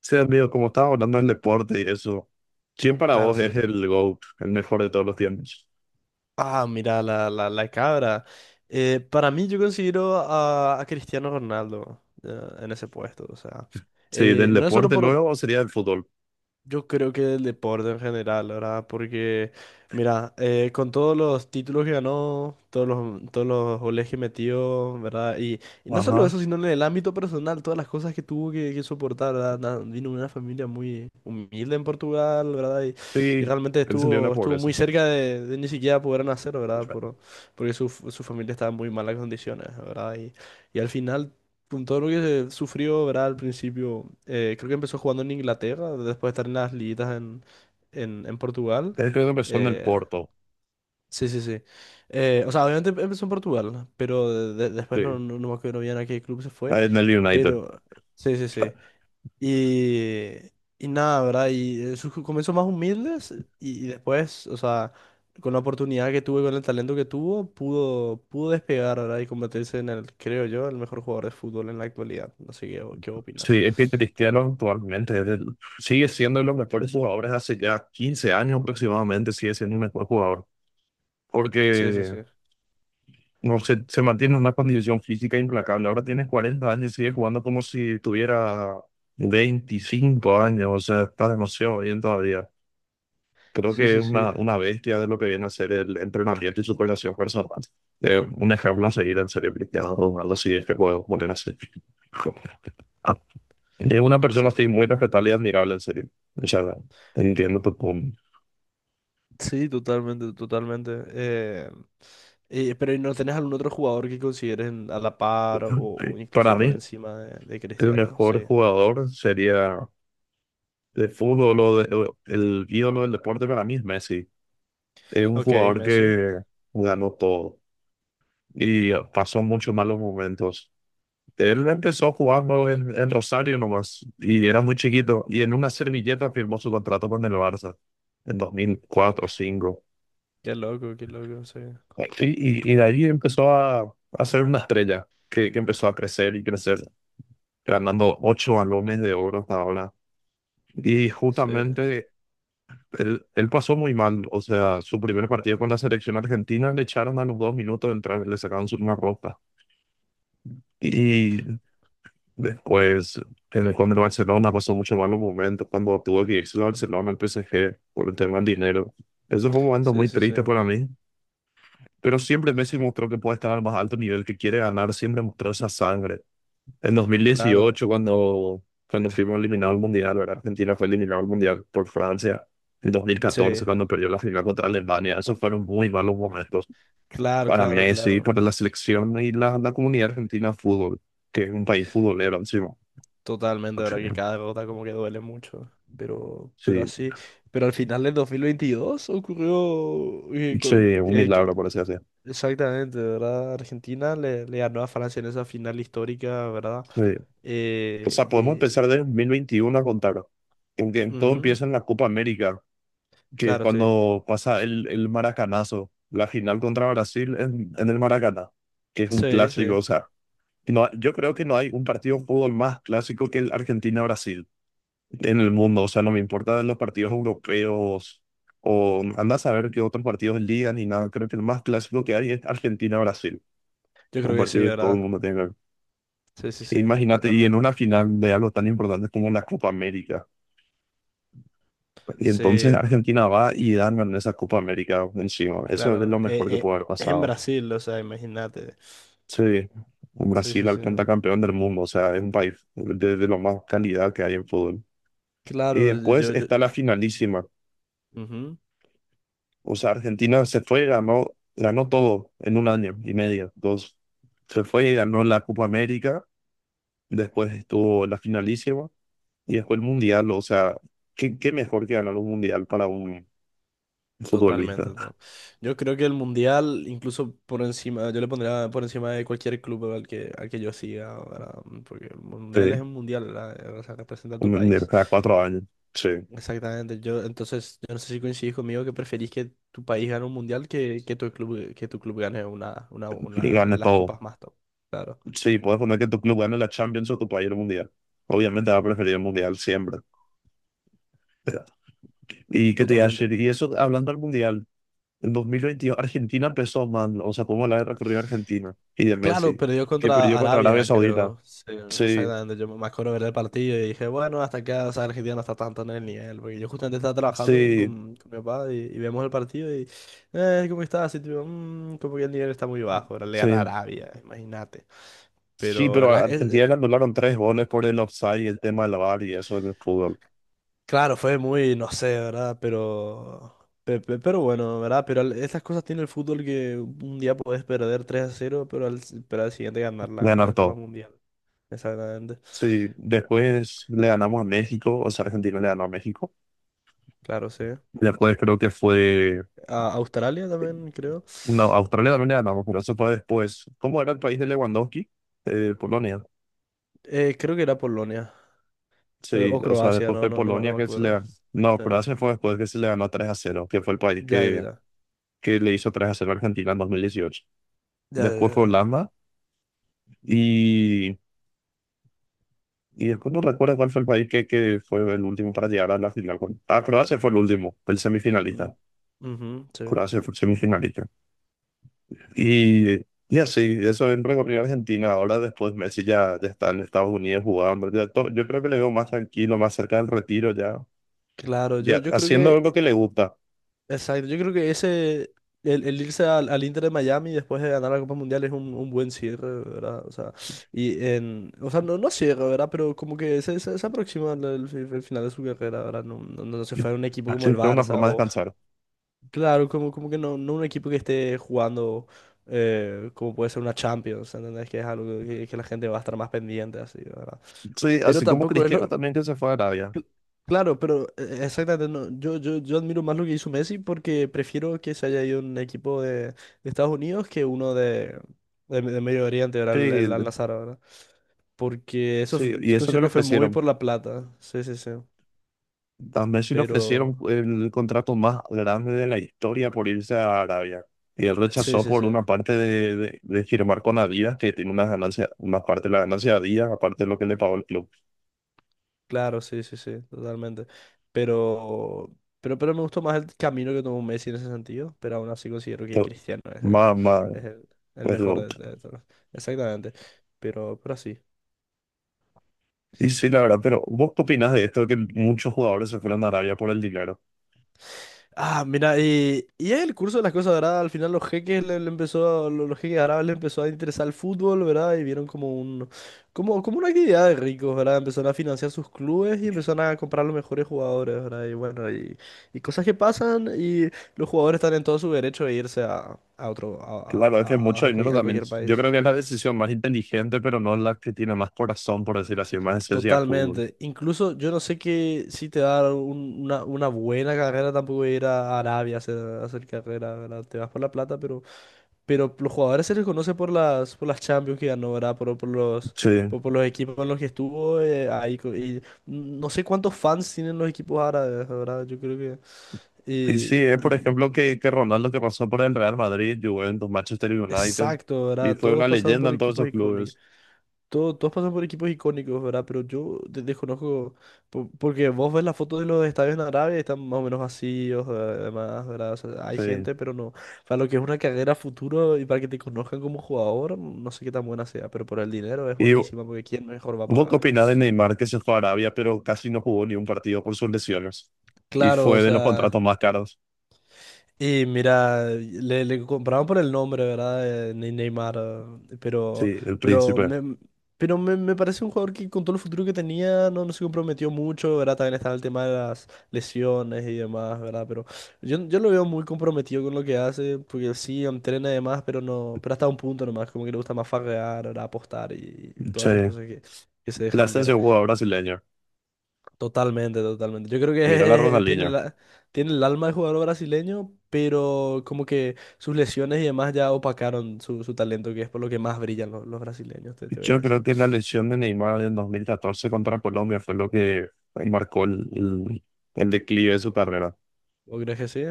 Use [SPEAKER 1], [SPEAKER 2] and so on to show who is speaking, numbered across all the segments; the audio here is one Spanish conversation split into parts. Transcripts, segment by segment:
[SPEAKER 1] Sí, amigo, como estaba hablando del deporte y eso, ¿quién para
[SPEAKER 2] Claro,
[SPEAKER 1] vos
[SPEAKER 2] sí.
[SPEAKER 1] es el GOAT, el mejor de todos los tiempos?
[SPEAKER 2] Mira, la cabra. Para mí, yo considero a Cristiano Ronaldo en ese puesto. O sea,
[SPEAKER 1] Sí, del
[SPEAKER 2] no es solo
[SPEAKER 1] deporte
[SPEAKER 2] por...
[SPEAKER 1] luego sería el fútbol.
[SPEAKER 2] Yo creo que del deporte en general, ¿verdad? Mira, con todos los títulos que ganó, todos los goles que metió, ¿verdad? Y no solo
[SPEAKER 1] Ajá.
[SPEAKER 2] eso, sino en el ámbito personal, todas las cosas que que soportar, ¿verdad? Vino de una familia muy humilde en Portugal, ¿verdad?
[SPEAKER 1] Sí,
[SPEAKER 2] Y realmente
[SPEAKER 1] él salió de la
[SPEAKER 2] estuvo
[SPEAKER 1] pobreza.
[SPEAKER 2] muy cerca de ni siquiera poder nacer,
[SPEAKER 1] Él
[SPEAKER 2] ¿verdad? Porque su familia estaba en muy malas condiciones, ¿verdad? Y al final con todo lo que se sufrió, ¿verdad? Al principio, creo que empezó jugando en Inglaterra, después de estar en las liguitas en Portugal.
[SPEAKER 1] creo que empezó en el
[SPEAKER 2] Eh,
[SPEAKER 1] Porto,
[SPEAKER 2] sí, sí, sí. O sea, obviamente empezó en Portugal, pero después
[SPEAKER 1] sí,
[SPEAKER 2] no me acuerdo bien a qué club se fue.
[SPEAKER 1] en el United.
[SPEAKER 2] Pero, sí, sí, sí. Y, y nada, ¿verdad? Y sus comienzos más humildes y después, o sea, con la oportunidad que tuvo y con el talento que tuvo, pudo despegar, ¿verdad? Y convertirse en el, creo yo, el mejor jugador de fútbol en la actualidad. No sé qué, qué opinas.
[SPEAKER 1] Sí, es que Cristiano actualmente es el- sigue siendo uno de los mejores jugadores hace ya 15 años aproximadamente, sigue siendo el mejor jugador.
[SPEAKER 2] Sí, sí,
[SPEAKER 1] Porque
[SPEAKER 2] sí.
[SPEAKER 1] no se, se mantiene en una condición física implacable. Ahora tienes 40 años y sigue jugando como si tuviera 25 años, o sea, está demasiado bien todavía. Creo
[SPEAKER 2] Sí,
[SPEAKER 1] que
[SPEAKER 2] sí,
[SPEAKER 1] es
[SPEAKER 2] sí.
[SPEAKER 1] una bestia de lo que viene a ser el entrenamiento y su relación personal. Un ejemplo a seguir en serio, Cristiano Ronaldo, si es que puedo poner así. Ah, es una persona
[SPEAKER 2] Sí,
[SPEAKER 1] así muy respetable y admirable, en serio. O sea, entiendo tu punto.
[SPEAKER 2] sí, totalmente, totalmente. Pero ¿y no tenés algún otro jugador que consideres a la par
[SPEAKER 1] Sí.
[SPEAKER 2] o
[SPEAKER 1] Para
[SPEAKER 2] incluso por
[SPEAKER 1] mí,
[SPEAKER 2] encima de
[SPEAKER 1] el
[SPEAKER 2] Cristiano?
[SPEAKER 1] mejor
[SPEAKER 2] Sí.
[SPEAKER 1] jugador sería de fútbol o de- o el ídolo del deporte para mí es Messi. Es un
[SPEAKER 2] Ok,
[SPEAKER 1] jugador
[SPEAKER 2] Messi.
[SPEAKER 1] que ganó todo y pasó muchos malos momentos. Él empezó jugando en Rosario nomás y era muy chiquito y en una servilleta firmó su contrato con el Barça en 2004 o 2005.
[SPEAKER 2] Qué loco, sí.
[SPEAKER 1] Y de ahí empezó a ser una estrella que empezó a crecer y crecer, ganando 8 balones de oro hasta ahora. Y
[SPEAKER 2] Sí.
[SPEAKER 1] justamente él, él pasó muy mal, o sea, su primer partido con la selección argentina le echaron a los 2 minutos de entrar, le sacaron su- una ropa. Y después, en el, con el Barcelona pasó muchos malos momentos cuando tuvo que irse al Barcelona, al PSG, por el tema del dinero. Eso fue un momento
[SPEAKER 2] Sí,
[SPEAKER 1] muy
[SPEAKER 2] sí, sí.
[SPEAKER 1] triste para mí, pero siempre Messi mostró que puede estar al más alto nivel, que quiere ganar, siempre mostró esa sangre. En
[SPEAKER 2] Claro.
[SPEAKER 1] 2018, cuando fuimos eliminados al Mundial, ¿verdad? Argentina fue eliminado al Mundial por Francia. En 2014,
[SPEAKER 2] Sí.
[SPEAKER 1] cuando perdió la final contra Alemania, esos fueron muy malos momentos
[SPEAKER 2] Claro,
[SPEAKER 1] para
[SPEAKER 2] claro,
[SPEAKER 1] Messi,
[SPEAKER 2] claro.
[SPEAKER 1] para la selección y la comunidad argentina de fútbol, que es un país futbolero encima.
[SPEAKER 2] Totalmente, de ¿verdad? Que cada gota como que duele mucho. Pero
[SPEAKER 1] Sí,
[SPEAKER 2] así. Pero al final del 2022 ocurrió.
[SPEAKER 1] sí, un milagro, por así decirlo.
[SPEAKER 2] Exactamente, ¿verdad? Argentina le ganó a Francia en esa final histórica, ¿verdad?
[SPEAKER 1] Sí. O
[SPEAKER 2] Eh,
[SPEAKER 1] sea, podemos
[SPEAKER 2] eh,
[SPEAKER 1] empezar de 2021 a contar, porque todo
[SPEAKER 2] ujú,
[SPEAKER 1] empieza en la Copa América, que
[SPEAKER 2] claro, sí.
[SPEAKER 1] cuando pasa el maracanazo, la final contra Brasil en el Maracaná, que es un
[SPEAKER 2] Sí,
[SPEAKER 1] clásico,
[SPEAKER 2] sí.
[SPEAKER 1] o sea, no, yo creo que no hay un partido de fútbol más clásico que el Argentina-Brasil en el mundo, o sea, no me importa los partidos europeos o anda a saber qué otros partidos ligan ni nada, creo que el más clásico que hay es Argentina-Brasil,
[SPEAKER 2] Yo
[SPEAKER 1] un
[SPEAKER 2] creo que sí,
[SPEAKER 1] partido que todo el
[SPEAKER 2] ¿verdad?
[SPEAKER 1] mundo tiene que ver.
[SPEAKER 2] Sí, sí, sí.
[SPEAKER 1] Imagínate, y en
[SPEAKER 2] Totalmente.
[SPEAKER 1] una final de algo tan importante como la Copa América. Y entonces
[SPEAKER 2] Sí,
[SPEAKER 1] Argentina va y ganan esa Copa América encima. Eso es
[SPEAKER 2] claro.
[SPEAKER 1] lo mejor que pudo haber
[SPEAKER 2] En
[SPEAKER 1] pasado.
[SPEAKER 2] Brasil, o sea, imagínate.
[SPEAKER 1] Sí,
[SPEAKER 2] Sí, sí,
[SPEAKER 1] Brasil al
[SPEAKER 2] sí.
[SPEAKER 1] pentacampeón del mundo, o sea, es un país de lo más calidad que hay en fútbol. Y
[SPEAKER 2] Claro,
[SPEAKER 1] después
[SPEAKER 2] yo,
[SPEAKER 1] está la finalísima.
[SPEAKER 2] ujú,
[SPEAKER 1] O sea, Argentina se fue y ganó, ganó todo en un año y medio, dos. Se fue y ganó la Copa América, después estuvo la finalísima y después el Mundial. O sea, ¿qué, qué mejor que ganar un Mundial para un futbolista?
[SPEAKER 2] totalmente. Yo creo que el Mundial, incluso por encima, yo le pondría por encima de cualquier club al que yo siga, ¿verdad? Porque el
[SPEAKER 1] Sí,
[SPEAKER 2] Mundial es un Mundial, ¿verdad? O sea, representa a tu
[SPEAKER 1] un, de
[SPEAKER 2] país.
[SPEAKER 1] cada 4 años. Sí,
[SPEAKER 2] Exactamente. Yo, entonces, yo no sé si coincidís conmigo que preferís que tu país gane un Mundial que tu club gane
[SPEAKER 1] que
[SPEAKER 2] una,
[SPEAKER 1] gane
[SPEAKER 2] las
[SPEAKER 1] todo.
[SPEAKER 2] copas más top. Claro,
[SPEAKER 1] Sí, puedes poner que tu club gane la Champions o tu país el Mundial. Obviamente va a preferir el Mundial siempre. Y que te iba a
[SPEAKER 2] totalmente.
[SPEAKER 1] decir y eso hablando del Mundial, en 2022 Argentina empezó man o sea, como la guerra que dio Argentina y de
[SPEAKER 2] Claro,
[SPEAKER 1] Messi,
[SPEAKER 2] perdió
[SPEAKER 1] que
[SPEAKER 2] contra
[SPEAKER 1] perdió contra Arabia
[SPEAKER 2] Arabia,
[SPEAKER 1] Saudita.
[SPEAKER 2] creo. Sí,
[SPEAKER 1] Sí,
[SPEAKER 2] exactamente. Yo me acuerdo ver el partido y dije, bueno, hasta acá, o sea, Argentina no está tanto en el nivel. Porque yo justamente estaba trabajando
[SPEAKER 1] sí,
[SPEAKER 2] con mi papá y vemos el partido ¿cómo está? Así, tipo, como que el nivel está muy bajo. Ahora le
[SPEAKER 1] sí.
[SPEAKER 2] gana a Arabia, imagínate".
[SPEAKER 1] Sí,
[SPEAKER 2] Pero,
[SPEAKER 1] pero
[SPEAKER 2] la-
[SPEAKER 1] a
[SPEAKER 2] es-
[SPEAKER 1] Argentina le anularon 3 goles por el offside y el tema del VAR y eso en el fútbol.
[SPEAKER 2] claro, fue muy, no sé, ¿verdad? Pero, pero bueno, ¿verdad? Esas cosas tiene el fútbol que un día puedes perder 3 a cero, pero al siguiente ganar
[SPEAKER 1] Ganar
[SPEAKER 2] la Copa
[SPEAKER 1] todo.
[SPEAKER 2] Mundial. Exactamente.
[SPEAKER 1] Sí, después le ganamos a México, o sea, Argentina le ganó a México.
[SPEAKER 2] Claro, sí.
[SPEAKER 1] Después creo que fue
[SPEAKER 2] A Australia también, creo.
[SPEAKER 1] no, Australia también le ganamos, pero eso fue después. ¿Cómo era el país de Lewandowski? Polonia.
[SPEAKER 2] Creo que era Polonia.
[SPEAKER 1] Sí,
[SPEAKER 2] O
[SPEAKER 1] o sea,
[SPEAKER 2] Croacia,
[SPEAKER 1] después fue
[SPEAKER 2] no
[SPEAKER 1] Polonia
[SPEAKER 2] me
[SPEAKER 1] que se le
[SPEAKER 2] acuerdo.
[SPEAKER 1] ganó. No,
[SPEAKER 2] Eh,
[SPEAKER 1] Croacia fue después que se le ganó 3-0, que fue el país
[SPEAKER 2] ya, ya,
[SPEAKER 1] que,
[SPEAKER 2] ya.
[SPEAKER 1] que le hizo 3-0 a Argentina en 2018.
[SPEAKER 2] Ya, ya,
[SPEAKER 1] Después fue
[SPEAKER 2] ya.
[SPEAKER 1] Holanda y, y después no recuerdo cuál fue el país que fue el último para llegar a la final. Ah, Croacia fue el último, el semifinalista.
[SPEAKER 2] Mm, ujú, sí.
[SPEAKER 1] Croacia fue el semifinalista. Y, y así, eso en Recopa Argentina. Ahora después Messi ya, ya está en Estados Unidos jugando, ya to- yo creo que le veo más tranquilo, más cerca del retiro ya,
[SPEAKER 2] Claro,
[SPEAKER 1] ya
[SPEAKER 2] yo creo que.
[SPEAKER 1] haciendo lo que le gusta.
[SPEAKER 2] Exacto, yo creo que ese. El irse al Inter de Miami después de ganar la Copa Mundial es un buen cierre, ¿verdad? O sea, o sea, no, no cierre, ¿verdad? Pero como que se aproxima al al final de su carrera, ¿verdad? No, no se fue a un equipo como el
[SPEAKER 1] Así tengo una
[SPEAKER 2] Barça.
[SPEAKER 1] forma de descansar.
[SPEAKER 2] Claro, como que no, no un equipo que esté jugando como puede ser una Champions, ¿entendés? Que es algo que la gente va a estar más pendiente, así, ¿verdad?
[SPEAKER 1] Sí,
[SPEAKER 2] Pero
[SPEAKER 1] así como
[SPEAKER 2] tampoco es
[SPEAKER 1] Cristiano
[SPEAKER 2] lo...
[SPEAKER 1] también que se fue a Arabia.
[SPEAKER 2] cl- Claro, pero exactamente, no, yo admiro más lo que hizo Messi porque prefiero que se haya ido un equipo de Estados Unidos que uno de Medio Oriente, ¿verdad?
[SPEAKER 1] Sí,
[SPEAKER 2] El Al-Nassr, ¿verdad? Porque eso f-
[SPEAKER 1] sí, y eso que
[SPEAKER 2] considero
[SPEAKER 1] le
[SPEAKER 2] que fue muy
[SPEAKER 1] ofrecieron.
[SPEAKER 2] por la plata, sí, sí, sí.
[SPEAKER 1] A Messi le
[SPEAKER 2] Pero,
[SPEAKER 1] ofrecieron el contrato más grande de la historia por irse a Arabia. Y él
[SPEAKER 2] sí,
[SPEAKER 1] rechazó
[SPEAKER 2] sí,
[SPEAKER 1] por
[SPEAKER 2] sí.
[SPEAKER 1] una parte de firmar con Adidas, que tiene una ganancia, una parte de la ganancia de Adidas, aparte de lo que le pagó el club.
[SPEAKER 2] Claro, sí, sí, sí, totalmente. Pero, pero me gustó más el camino que tomó Messi en ese sentido, pero aún así considero que
[SPEAKER 1] To-
[SPEAKER 2] Cristiano es,
[SPEAKER 1] Más, más,
[SPEAKER 2] es el, el
[SPEAKER 1] pues el
[SPEAKER 2] mejor
[SPEAKER 1] voto.
[SPEAKER 2] de todos. Exactamente. Pero sí.
[SPEAKER 1] Y sí, la verdad, pero ¿vos qué opinas de esto? Que muchos jugadores se fueron a Arabia por el dinero.
[SPEAKER 2] Mira, y el curso de las cosas, ¿verdad? Al final los jeques le empezó, los jeques árabes le empezó a interesar el fútbol, ¿verdad? Y vieron como como, como una actividad de ricos, ¿verdad? Empezaron a financiar sus clubes y empezaron a comprar los mejores jugadores, ¿verdad? Y bueno, y cosas que pasan y los jugadores están en todo su derecho de irse a otro,
[SPEAKER 1] Claro, es que mucho dinero
[SPEAKER 2] a
[SPEAKER 1] también.
[SPEAKER 2] cualquier
[SPEAKER 1] Yo
[SPEAKER 2] país.
[SPEAKER 1] creo que es la decisión más inteligente, pero no la que tiene más corazón, por decir así, más esencia de fútbol.
[SPEAKER 2] Totalmente. Incluso yo no sé que si te da una buena carrera, tampoco ir a Arabia a a hacer carrera, ¿verdad? Te vas por la plata, pero... Pero los jugadores se les conoce por las Champions que ganó, ¿verdad?
[SPEAKER 1] Sí.
[SPEAKER 2] Por los equipos en los que estuvo ahí. Y no sé cuántos fans tienen los equipos árabes, ¿verdad? Yo creo que...
[SPEAKER 1] Y sí,
[SPEAKER 2] Y,
[SPEAKER 1] es por
[SPEAKER 2] y-
[SPEAKER 1] ejemplo que Ronaldo que pasó por el Real Madrid, Juventus, Manchester United,
[SPEAKER 2] exacto,
[SPEAKER 1] y
[SPEAKER 2] ¿verdad?
[SPEAKER 1] fue
[SPEAKER 2] Todos
[SPEAKER 1] una
[SPEAKER 2] pasaron
[SPEAKER 1] leyenda
[SPEAKER 2] por
[SPEAKER 1] en todos
[SPEAKER 2] equipos
[SPEAKER 1] esos
[SPEAKER 2] icónicos.
[SPEAKER 1] clubes.
[SPEAKER 2] Todos pasan por equipos icónicos, ¿verdad? Pero yo desconozco, porque vos ves las fotos de los estadios en Arabia y están más o menos vacíos, además, ¿verdad? O sea, hay
[SPEAKER 1] Sí.
[SPEAKER 2] gente, pero no. Para lo que es una carrera futuro y para que te conozcan como jugador, no sé qué tan buena sea, pero por el dinero es
[SPEAKER 1] ¿Y
[SPEAKER 2] buenísima, porque ¿quién mejor va a
[SPEAKER 1] vos qué
[SPEAKER 2] pagar?
[SPEAKER 1] opinás de Neymar que se fue a Arabia, pero casi no jugó ni un partido por sus lesiones? Y
[SPEAKER 2] Claro, o
[SPEAKER 1] fue de los
[SPEAKER 2] sea...
[SPEAKER 1] contratos más caros.
[SPEAKER 2] Y mira, le compraban por el nombre, ¿verdad? Neymar,
[SPEAKER 1] Sí,
[SPEAKER 2] pero,
[SPEAKER 1] el
[SPEAKER 2] pero,
[SPEAKER 1] príncipe.
[SPEAKER 2] me, pero me parece un jugador que con todo el futuro que tenía no, no se comprometió mucho, ¿verdad? También estaba el tema de las lesiones y demás, ¿verdad? Pero yo lo veo muy comprometido con lo que hace, porque sí, entrena y demás, pero no, pero hasta un punto nomás, como que le gusta más farrear, ¿verdad? Apostar y
[SPEAKER 1] Sí.
[SPEAKER 2] todas esas cosas que se
[SPEAKER 1] La
[SPEAKER 2] dejan ver.
[SPEAKER 1] ascensión jugador brasileño.
[SPEAKER 2] Totalmente, totalmente. Yo creo
[SPEAKER 1] Mira la
[SPEAKER 2] que tiene
[SPEAKER 1] Ronaldinho.
[SPEAKER 2] la, tiene el alma de jugador brasileño, pero como que sus lesiones y demás ya opacaron su, su talento, que es por lo que más brillan los brasileños, te voy a
[SPEAKER 1] Yo creo
[SPEAKER 2] decir.
[SPEAKER 1] que la lesión de Neymar en 2014 contra Colombia fue lo que marcó el declive de su carrera.
[SPEAKER 2] ¿O crees que sí?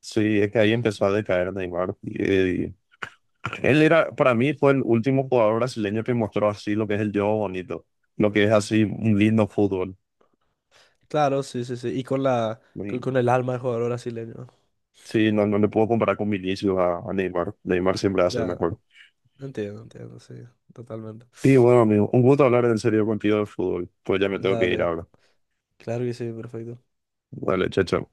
[SPEAKER 1] Sí, es que ahí empezó a decaer Neymar. Y él era, para mí, fue el último jugador brasileño que mostró así lo que es el juego bonito, lo que es así un lindo fútbol.
[SPEAKER 2] Claro, sí, sí, sí.
[SPEAKER 1] Y
[SPEAKER 2] Con el alma de jugador brasileño.
[SPEAKER 1] sí, no, no le puedo comparar con Vinicius a Neymar. Neymar siempre hace
[SPEAKER 2] Ya,
[SPEAKER 1] mejor.
[SPEAKER 2] entiendo, entiendo, sí, totalmente.
[SPEAKER 1] Sí, bueno, amigo, un gusto hablar en serio contigo de fútbol. Pues ya me tengo que ir
[SPEAKER 2] Dale,
[SPEAKER 1] ahora.
[SPEAKER 2] claro que sí, perfecto.
[SPEAKER 1] Dale, chacho.